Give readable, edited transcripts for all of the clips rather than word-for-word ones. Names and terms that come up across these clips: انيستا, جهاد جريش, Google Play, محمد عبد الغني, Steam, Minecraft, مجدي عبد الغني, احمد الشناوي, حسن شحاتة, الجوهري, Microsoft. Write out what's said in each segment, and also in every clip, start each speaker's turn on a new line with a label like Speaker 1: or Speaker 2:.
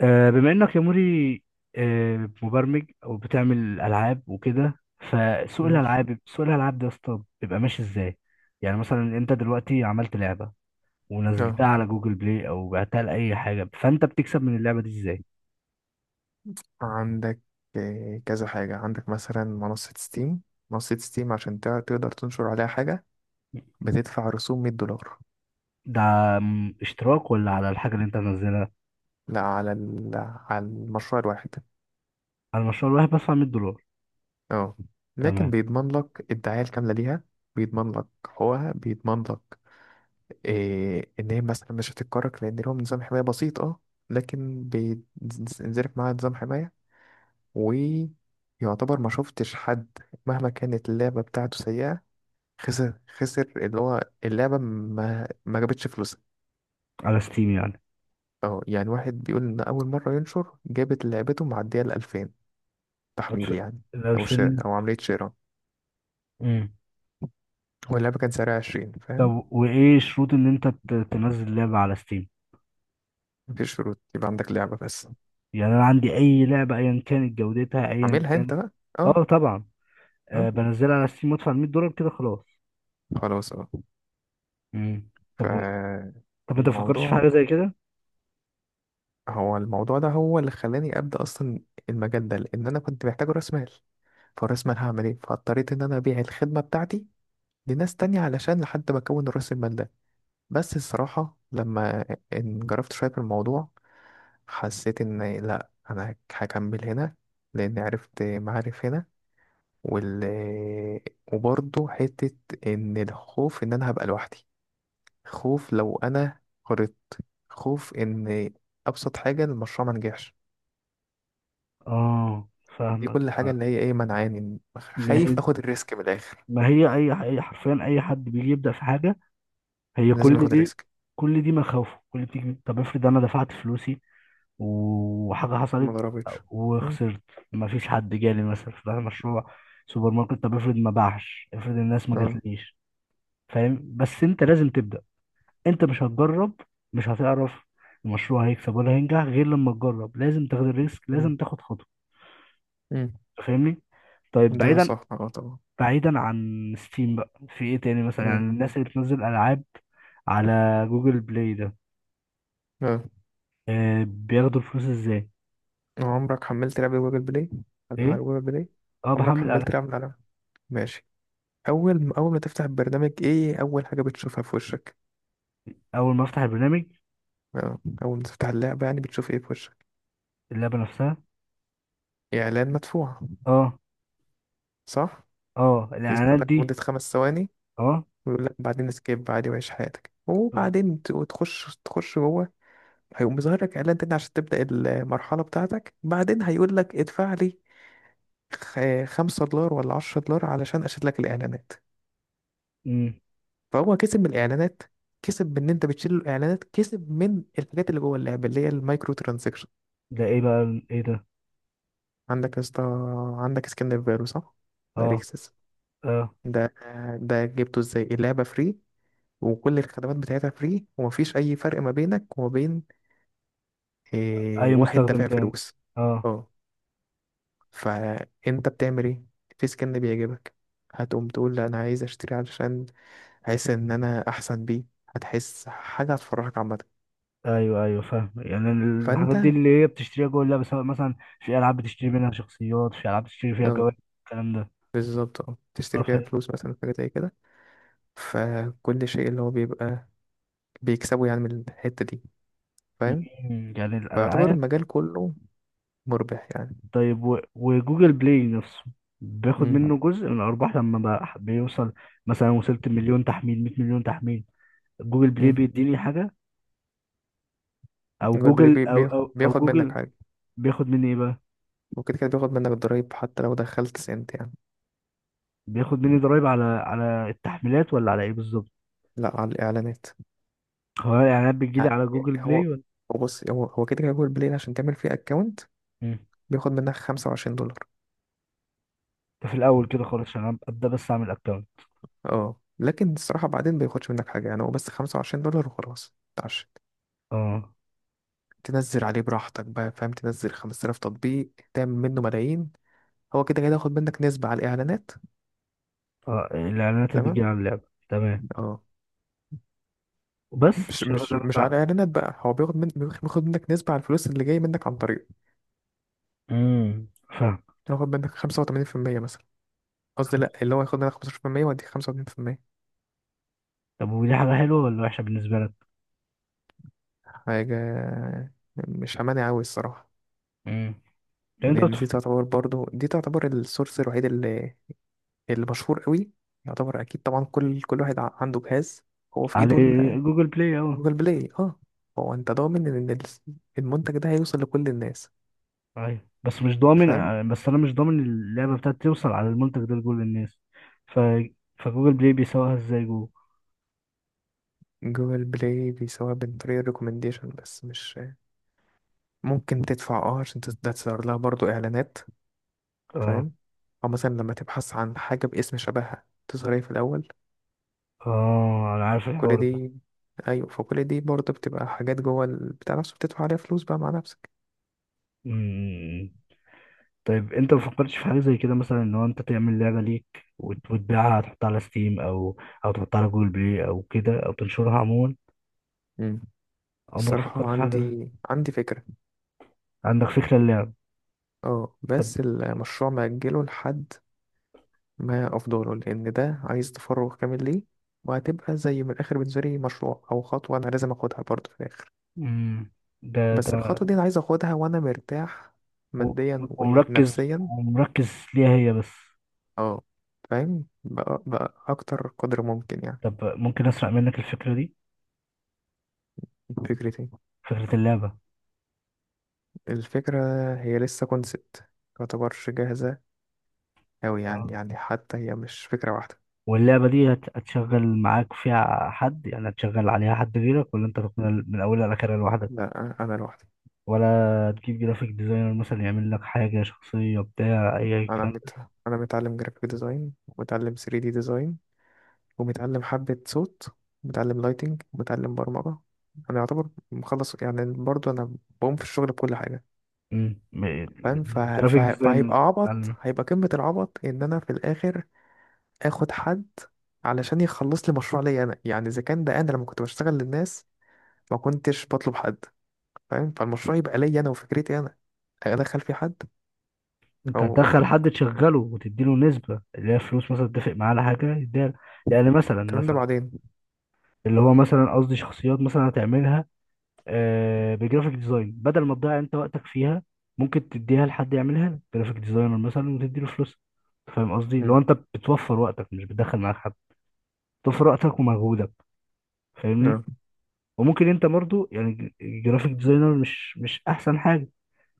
Speaker 1: بما انك يا موري، مبرمج او بتعمل العاب وكده. فسوق
Speaker 2: ماشي.
Speaker 1: الالعاب، سوق الالعاب ده يا اسطى بيبقى ماشي ازاي؟ يعني مثلا انت دلوقتي عملت لعبه
Speaker 2: اه
Speaker 1: ونزلتها على جوجل بلاي او بعتها لاي حاجه، فانت بتكسب من اللعبه دي ازاي؟
Speaker 2: عندك، كذا حاجة. عندك مثلا منصة ستيم عشان تقدر تنشر عليها حاجة. بتدفع رسوم $100.
Speaker 1: ده اشتراك ولا على الحاجه اللي انت منزلها؟
Speaker 2: لا على على المشروع الواحد.
Speaker 1: على المشروع الواحد بدفع $100.
Speaker 2: اه، لكن
Speaker 1: تمام.
Speaker 2: بيضمن لك الدعاية الكاملة ليها. بيضمن لك حقوقها، بيضمن لك إيه، إن هي مثلا مش هتتكرك، لأن لهم نظام حماية بسيط. اه لكن بينزلك معاها نظام حماية، ويعتبر ما شفتش حد مهما كانت اللعبة بتاعته سيئة. خسر اللي هو اللعبة ما جابتش فلوسها.
Speaker 1: على ستيم يعني.
Speaker 2: اه، يعني واحد بيقول إن أول مرة ينشر جابت لعبته معدية الـ2000 تحميل،
Speaker 1: الف-
Speaker 2: يعني أو شراء
Speaker 1: الألفين.
Speaker 2: أو عملية شراء.
Speaker 1: مم.
Speaker 2: واللعبة كان سعرها 20، فاهم.
Speaker 1: طب وايه شروط ان انت تنزل لعبه على ستيم؟
Speaker 2: مفيش شروط، يبقى عندك لعبة بس.
Speaker 1: يعني انا عندي اي لعبه ايا كانت جودتها ايا
Speaker 2: عاملها
Speaker 1: كان.
Speaker 2: أنت بقى. اه.
Speaker 1: اه طبعا.
Speaker 2: اه،
Speaker 1: بنزلها على ستيم وادفع $100 كده خلاص.
Speaker 2: خلاص. اه.
Speaker 1: مم. طب و... طب ما تفكرش في حاجه
Speaker 2: فالموضوع،
Speaker 1: زي كده؟
Speaker 2: هو الموضوع ده هو اللي خلاني أبدأ أصلا المجال ده، لأن أنا كنت محتاج رأس مال. فرأس مال هعمل إيه، فاضطريت إن أنا أبيع الخدمة بتاعتي لناس تانية علشان لحد ما أكون رأس المال. بس الصراحة لما انجرفت شوية في الموضوع، حسيت إن لأ، أنا هكمل هنا، لأن عرفت معارف هنا. وال وبرضه حتة، إن الخوف إن أنا هبقى لوحدي، خوف لو أنا غلطت، خوف إن أبسط حاجة المشروع ما نجحش.
Speaker 1: اه
Speaker 2: دي
Speaker 1: فاهمك.
Speaker 2: كل حاجة
Speaker 1: ما،
Speaker 2: اللي هي إيه، منعاني
Speaker 1: ما هي
Speaker 2: خايف آخد الريسك من الآخر.
Speaker 1: اي حرفيا اي حد بيجي يبدا في حاجه، هي
Speaker 2: لازم آخد الريسك.
Speaker 1: كل دي مخاوفه. كل دي، طب افرض انا دفعت فلوسي وحاجه
Speaker 2: ما
Speaker 1: حصلت
Speaker 2: ضربتش. مم.
Speaker 1: وخسرت، ما فيش حد جالي مثلا في مشروع سوبر ماركت. طب افرض ما باعش، افرض الناس ما
Speaker 2: اه.
Speaker 1: جاتليش. فاهم؟ بس انت لازم تبدا. انت مش هتجرب، مش هتعرف المشروع هيكسب ولا هينجح غير لما تجرب. لازم تاخد الريسك،
Speaker 2: مم.
Speaker 1: لازم تاخد خطوة.
Speaker 2: مم.
Speaker 1: فاهمني؟ طيب
Speaker 2: ده
Speaker 1: بعيدا،
Speaker 2: صح. اه طبعا.
Speaker 1: بعيدا عن ستيم بقى، في ايه تاني مثلا؟ يعني
Speaker 2: مم.
Speaker 1: الناس اللي بتنزل العاب على جوجل بلاي ده،
Speaker 2: اه.
Speaker 1: بياخدوا الفلوس ازاي؟
Speaker 2: عمرك حملت لعبة جوجل بلاي؟ أنا على
Speaker 1: ايه؟
Speaker 2: جوجل بلاي،
Speaker 1: اه
Speaker 2: عمرك
Speaker 1: بحمل
Speaker 2: حملت
Speaker 1: العاب.
Speaker 2: لعبة على. ماشي. أول ما تفتح البرنامج، إيه أول حاجة بتشوفها في وشك؟
Speaker 1: اول ما افتح البرنامج
Speaker 2: أول ما تفتح اللعبة، يعني بتشوف إيه في وشك؟
Speaker 1: اللعبة نفسها.
Speaker 2: إعلان مدفوع،
Speaker 1: اه.
Speaker 2: صح؟
Speaker 1: اه
Speaker 2: يظهر
Speaker 1: الاعلانات
Speaker 2: لك مدة
Speaker 1: دي.
Speaker 2: 5 ثواني،
Speaker 1: اه.
Speaker 2: ويقول لك بعدين سكيب عادي وعيش حياتك،
Speaker 1: بز-
Speaker 2: وبعدين وتخش، تخش جوه. هيقوم مظهر لك إعلان تاني عشان تبدأ المرحلة بتاعتك، بعدين هيقول لك ادفع لي $5 ولا $10 علشان أشد لك الإعلانات.
Speaker 1: مم.
Speaker 2: فهو كسب من الاعلانات، كسب من ان انت بتشيل الاعلانات، كسب من الحاجات اللي جوه اللعبه، اللي هي المايكرو ترانزكشن.
Speaker 1: ده ايه بقى، ايه ده؟
Speaker 2: عندك يا اسطى، عندك سكن فيرو، صح؟ ده
Speaker 1: اه.
Speaker 2: ريكسس.
Speaker 1: اه.
Speaker 2: ده، جبته ازاي؟ اللعبه فري، وكل الخدمات بتاعتها فري، ومفيش اي فرق ما بينك وما بين إيه،
Speaker 1: اي
Speaker 2: واحد
Speaker 1: مستخدم
Speaker 2: دافع
Speaker 1: تاني.
Speaker 2: فلوس.
Speaker 1: اه.
Speaker 2: اه، فانت بتعمل ايه؟ في سكن بيعجبك، هتقوم تقول لا انا عايز اشتري علشان احس ان انا احسن بيه، هتحس حاجه هتفرحك عامه.
Speaker 1: ايوه، ايوه، فاهم يعني.
Speaker 2: فانت،
Speaker 1: الحاجات دي اللي هي بتشتريها جوه اللعبه، سواء مثلا في العاب بتشتري منها شخصيات، في العاب بتشتري فيها
Speaker 2: اه
Speaker 1: جوائز، الكلام ده.
Speaker 2: بالظبط، اه،
Speaker 1: اه
Speaker 2: تشتري فيها
Speaker 1: فاهم.
Speaker 2: فلوس مثلا، حاجة زي كده. فكل شيء اللي هو بيبقى بيكسبه يعني من الحتة دي، فاهم.
Speaker 1: مم، يعني
Speaker 2: فيعتبر
Speaker 1: الالعاب.
Speaker 2: المجال كله مربح يعني.
Speaker 1: طيب، وجوجل بلاي نفسه بياخد
Speaker 2: امم.
Speaker 1: منه جزء من الارباح لما بقى بيوصل مثلا، وصلت مليون تحميل، 100 مليون تحميل، جوجل بلاي
Speaker 2: امم.
Speaker 1: بيديني حاجه؟ او
Speaker 2: هو البلي-
Speaker 1: جوجل،
Speaker 2: بي- بي-
Speaker 1: او
Speaker 2: بياخد منك
Speaker 1: جوجل
Speaker 2: حاجة.
Speaker 1: بياخد مني ايه بقى؟
Speaker 2: وكده كده بياخد منك الضرايب حتى لو دخلت سنت يعني.
Speaker 1: بياخد مني ضرايب على التحميلات ولا على ايه بالظبط؟
Speaker 2: لا، على الإعلانات،
Speaker 1: هو الاعلانات بتجيلي
Speaker 2: يعني
Speaker 1: على جوجل
Speaker 2: هو،
Speaker 1: بلاي
Speaker 2: بص، هو كده كده جوجل بلاي عشان تعمل فيه أكونت
Speaker 1: ولا
Speaker 2: بياخد منك $25.
Speaker 1: ده في الاول كده خالص عشان ابدا، بس اعمل اكونت؟
Speaker 2: اه، لكن الصراحة بعدين بياخدش منك حاجة، يعني هو بس $25 وخلاص.
Speaker 1: اه.
Speaker 2: تنزل عليه براحتك بقى، فاهم، تنزل 5000 تطبيق تعمل منه ملايين. هو كده كده هياخد منك نسبة على الإعلانات.
Speaker 1: اه الاعلانات اللي
Speaker 2: تمام.
Speaker 1: بتجي على اللعبه. تمام.
Speaker 2: اه.
Speaker 1: وبس؟
Speaker 2: مش
Speaker 1: مش هياخد
Speaker 2: مش
Speaker 1: منك
Speaker 2: مش على
Speaker 1: ساعه؟
Speaker 2: الإعلانات بقى، هو بياخد من، بياخد منك نسبة على الفلوس اللي جاية منك عن طريقه.
Speaker 1: امم. فاهم.
Speaker 2: هياخد منك 85% مثلا، قصدي لأ، اللي هو هياخد منك 15% ويديك 85%.
Speaker 1: طب ودي حاجه حلوه ولا وحشه بالنسبه لك؟
Speaker 2: حاجة مش أمانة أوي الصراحة.
Speaker 1: امم. لان انت
Speaker 2: لأن دي تعتبر، برضو دي تعتبر السورس الوحيد اللي مشهور قوي. يعتبر أكيد طبعا كل واحد عنده جهاز هو في
Speaker 1: على
Speaker 2: إيده.
Speaker 1: جوجل بلاي اه.
Speaker 2: جوجل بلاي. اه. هو انت ضامن ان المنتج ده هيوصل لكل الناس،
Speaker 1: ايوه، بس مش ضامن.
Speaker 2: فاهم.
Speaker 1: بس انا مش ضامن اللعبه بتاعتي توصل على المنتج ده لكل الناس. ف، فجوجل بلاي بيسوقها ازاي؟ جوجل.
Speaker 2: جوجل بلاي بيسويها عن طريق الريكومنديشن، بس مش ممكن تدفع عشان ده تظهر لها برضو اعلانات،
Speaker 1: اه.
Speaker 2: فاهم. او مثلا لما تبحث عن حاجة باسم شبهها تظهر ايه في الاول.
Speaker 1: اه انا عارف
Speaker 2: كل
Speaker 1: الحوار
Speaker 2: دي، ايوه، فكل دي برضو بتبقى حاجات جوه بتاع نفسه، بتدفع عليها فلوس بقى مع نفسك.
Speaker 1: ده. طيب انت ما فكرتش في حاجه زي كده مثلا، ان هو انت تعمل لعبه ليك، وتبيعها، تحطها على ستيم او، او تحطها على جوجل بلاي او كده، او تنشرها عموما؟
Speaker 2: مم.
Speaker 1: عمرك فكرت
Speaker 2: الصراحة
Speaker 1: في حاجه زي؟
Speaker 2: عندي فكرة.
Speaker 1: عندك فكره اللعب.
Speaker 2: اه،
Speaker 1: طب.
Speaker 2: بس المشروع مأجله لحد ما أفضله، لأن ده عايز تفرغ كامل ليه. وهتبقى زي من الآخر بالنسبة لي مشروع أو خطوة أنا لازم أخدها برضه في الآخر.
Speaker 1: امم. ده
Speaker 2: بس
Speaker 1: ده.
Speaker 2: الخطوة دي أنا عايز أخدها وأنا مرتاح
Speaker 1: و-
Speaker 2: ماديا
Speaker 1: ومركز
Speaker 2: ونفسيا.
Speaker 1: ومركز ليها هي بس.
Speaker 2: اه، فاهم بقى أكتر قدر ممكن يعني.
Speaker 1: طب ممكن اسرق منك الفكره دي،
Speaker 2: فكرتي،
Speaker 1: فكره اللعبه؟
Speaker 2: الفكرة هي لسه كونسبت، متعتبرش جاهزة أوي،
Speaker 1: اه،
Speaker 2: يعني حتى هي مش فكرة واحدة.
Speaker 1: واللعبه دي هتشغل معاك فيها حد يعني؟ هتشغل عليها حد غيرك ولا انت تكون من اولها لاخرها لوحدك؟
Speaker 2: لا، أنا لوحدي.
Speaker 1: ولا تجيب جرافيك ديزاينر مثلا يعمل لك حاجة شخصية، بتاع أي
Speaker 2: أنا
Speaker 1: كلام؟
Speaker 2: مت... أنا متعلم جرافيك ديزاين، ومتعلم 3D ديزاين، ومتعلم حبة صوت، ومتعلم لايتنج، ومتعلم برمجة. أنا يعتبر مخلص يعني، برضو أنا بقوم في الشغل بكل حاجة.
Speaker 1: مم.
Speaker 2: فاهم.
Speaker 1: الجرافيك ديزاينر.
Speaker 2: فهيبقى عبط،
Speaker 1: بتاع-
Speaker 2: هيبقى قمة العبط إن أنا في الآخر آخد حد علشان يخلص لي مشروع ليا أنا، يعني إذا كان ده أنا لما كنت بشتغل للناس ما كنتش بطلب حد، فاهم. فالمشروع يبقى ليا أنا وفكرتي أنا، أدخل فيه حد
Speaker 1: أنت
Speaker 2: أو
Speaker 1: هتدخل حد تشغله وتديله نسبة اللي هي فلوس مثلا، تتفق معاه على حاجة يديها. يعني مثلا
Speaker 2: الكلام ده
Speaker 1: مثلا
Speaker 2: بعدين.
Speaker 1: اللي هو مثلا قصدي شخصيات مثلا هتعملها، بجرافيك ديزاين، بدل ما تضيع أنت وقتك فيها، ممكن تديها لحد يعملها لك، جرافيك ديزاينر مثلا، وتديله فلوس. فاهم قصدي؟ لو
Speaker 2: مم.
Speaker 1: أنت بتوفر وقتك مش بتدخل معاك حد، بتوفر وقتك ومجهودك، فاهمني؟
Speaker 2: اه.
Speaker 1: وممكن انت برضو يعني جرافيك ديزاينر مش احسن حاجه.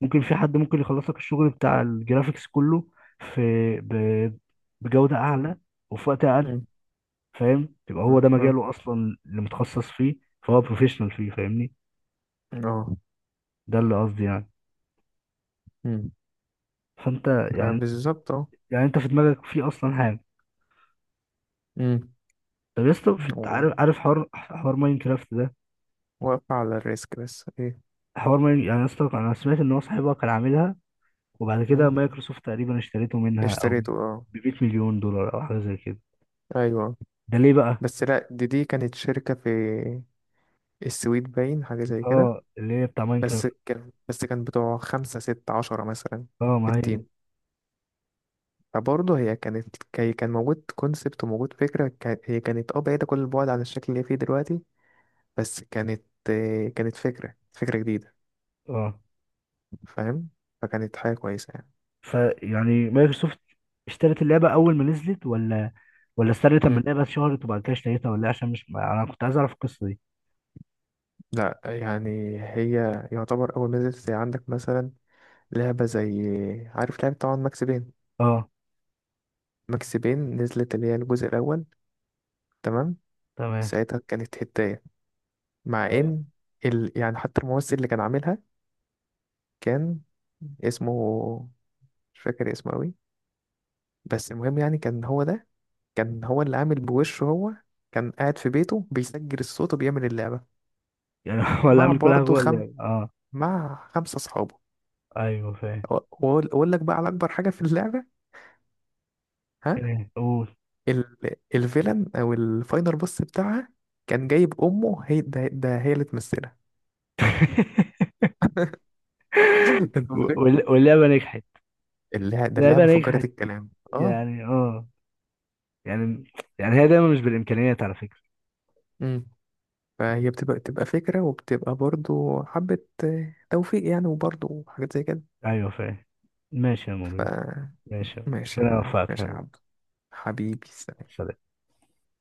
Speaker 1: ممكن في حد ممكن يخلص لك الشغل بتاع الجرافيكس كله، في، ب... بجوده اعلى وفي وقت اقل.
Speaker 2: مم.
Speaker 1: فاهم؟ يبقى هو
Speaker 2: تمام.
Speaker 1: ده
Speaker 2: اه.
Speaker 1: مجاله اصلا اللي متخصص فيه، فهو بروفيشنال فيه. فاهمني؟
Speaker 2: اه.
Speaker 1: ده اللي قصدي يعني.
Speaker 2: مم.
Speaker 1: فانت
Speaker 2: آه،
Speaker 1: يعني،
Speaker 2: بالظبط. اه.
Speaker 1: يعني انت في دماغك في اصلا حاجه. طب يا اسطى عارف،
Speaker 2: مم.
Speaker 1: حوار، ماين كرافت ده،
Speaker 2: واقفة على الريسك بس ايه.
Speaker 1: حوار ماين. يعني يا اسطى انا سمعت ان هو صاحبها كان عاملها، وبعد
Speaker 2: مم.
Speaker 1: كده مايكروسوفت تقريبا اشتريته منها، او ب
Speaker 2: اشتريته اه.
Speaker 1: 100 مليون دولار او حاجه زي كده.
Speaker 2: ايوه،
Speaker 1: ده ليه بقى؟
Speaker 2: بس لا، دي كانت شركة في السويد باين حاجة زي كده.
Speaker 1: اه، اللي هي بتاع
Speaker 2: بس
Speaker 1: ماينكرافت.
Speaker 2: كان بس كان بتوع خمسة ستة عشرة مثلا
Speaker 1: اه،
Speaker 2: في
Speaker 1: ما هي
Speaker 2: التيم.
Speaker 1: دي.
Speaker 2: فبرضه هي كانت، هي كان موجود كونسبت وموجود فكرة. هي كانت بعيدة كل البعد عن الشكل اللي هي فيه دلوقتي. بس كانت، كانت فكرة جديدة،
Speaker 1: اه.
Speaker 2: فاهم، فكانت حاجة كويسة يعني.
Speaker 1: فيعني مايكروسوفت اشترت اللعبه اول ما نزلت، ولا، ولا استنت لما
Speaker 2: مم.
Speaker 1: اللعبه اتشهرت وبعد كده اشتريتها، ولا إيه؟ عشان مش انا كنت عايز اعرف القصه دي.
Speaker 2: لا يعني، هي يعتبر أول ما نزلت زي عندك مثلا لعبة زي، عارف لعبة طبعا ماكس بين.
Speaker 1: اه.
Speaker 2: ماكس بين نزلت، اللي هي الجزء الأول. تمام.
Speaker 1: تمام.
Speaker 2: ساعتها كانت هداية، مع
Speaker 1: اه.
Speaker 2: إن يعني حتى الممثل اللي كان عاملها، كان اسمه، مش فاكر اسمه أوي. بس المهم يعني كان هو ده، كان هو اللي عامل بوشه هو، كان قاعد في بيته بيسجل الصوت وبيعمل اللعبة
Speaker 1: يعني ولا
Speaker 2: مع
Speaker 1: اعمل كل حاجه
Speaker 2: برضه
Speaker 1: جوه
Speaker 2: خم...
Speaker 1: اللعبه اه.
Speaker 2: مع 5 أصحابه.
Speaker 1: ايوه فاهم.
Speaker 2: وأقول لك بقى على أكبر حاجة في اللعبة. ها.
Speaker 1: ايه، قول.
Speaker 2: ال... الفيلن او الفاينل بوس بتاعها، كان جايب امه هي، ده هي اللي تمثلها. انت متخيل.
Speaker 1: واللعبه نجحت. اللعبه
Speaker 2: اللعبه فجرت
Speaker 1: نجحت
Speaker 2: الكلام. اه.
Speaker 1: يعني. اه، يعني، هي دايما مش بالامكانيات على فكره.
Speaker 2: امم. فهي بتبقى فكره، وبتبقى برضو حبه توفيق يعني، وبرضو حاجات زي كده.
Speaker 1: ايوه فاهم. ماشي يا
Speaker 2: ف
Speaker 1: موري. ماشي. ربنا يوفقك يا
Speaker 2: ماشي يا
Speaker 1: حبيبي.
Speaker 2: عبد. حبيبي.
Speaker 1: سلام.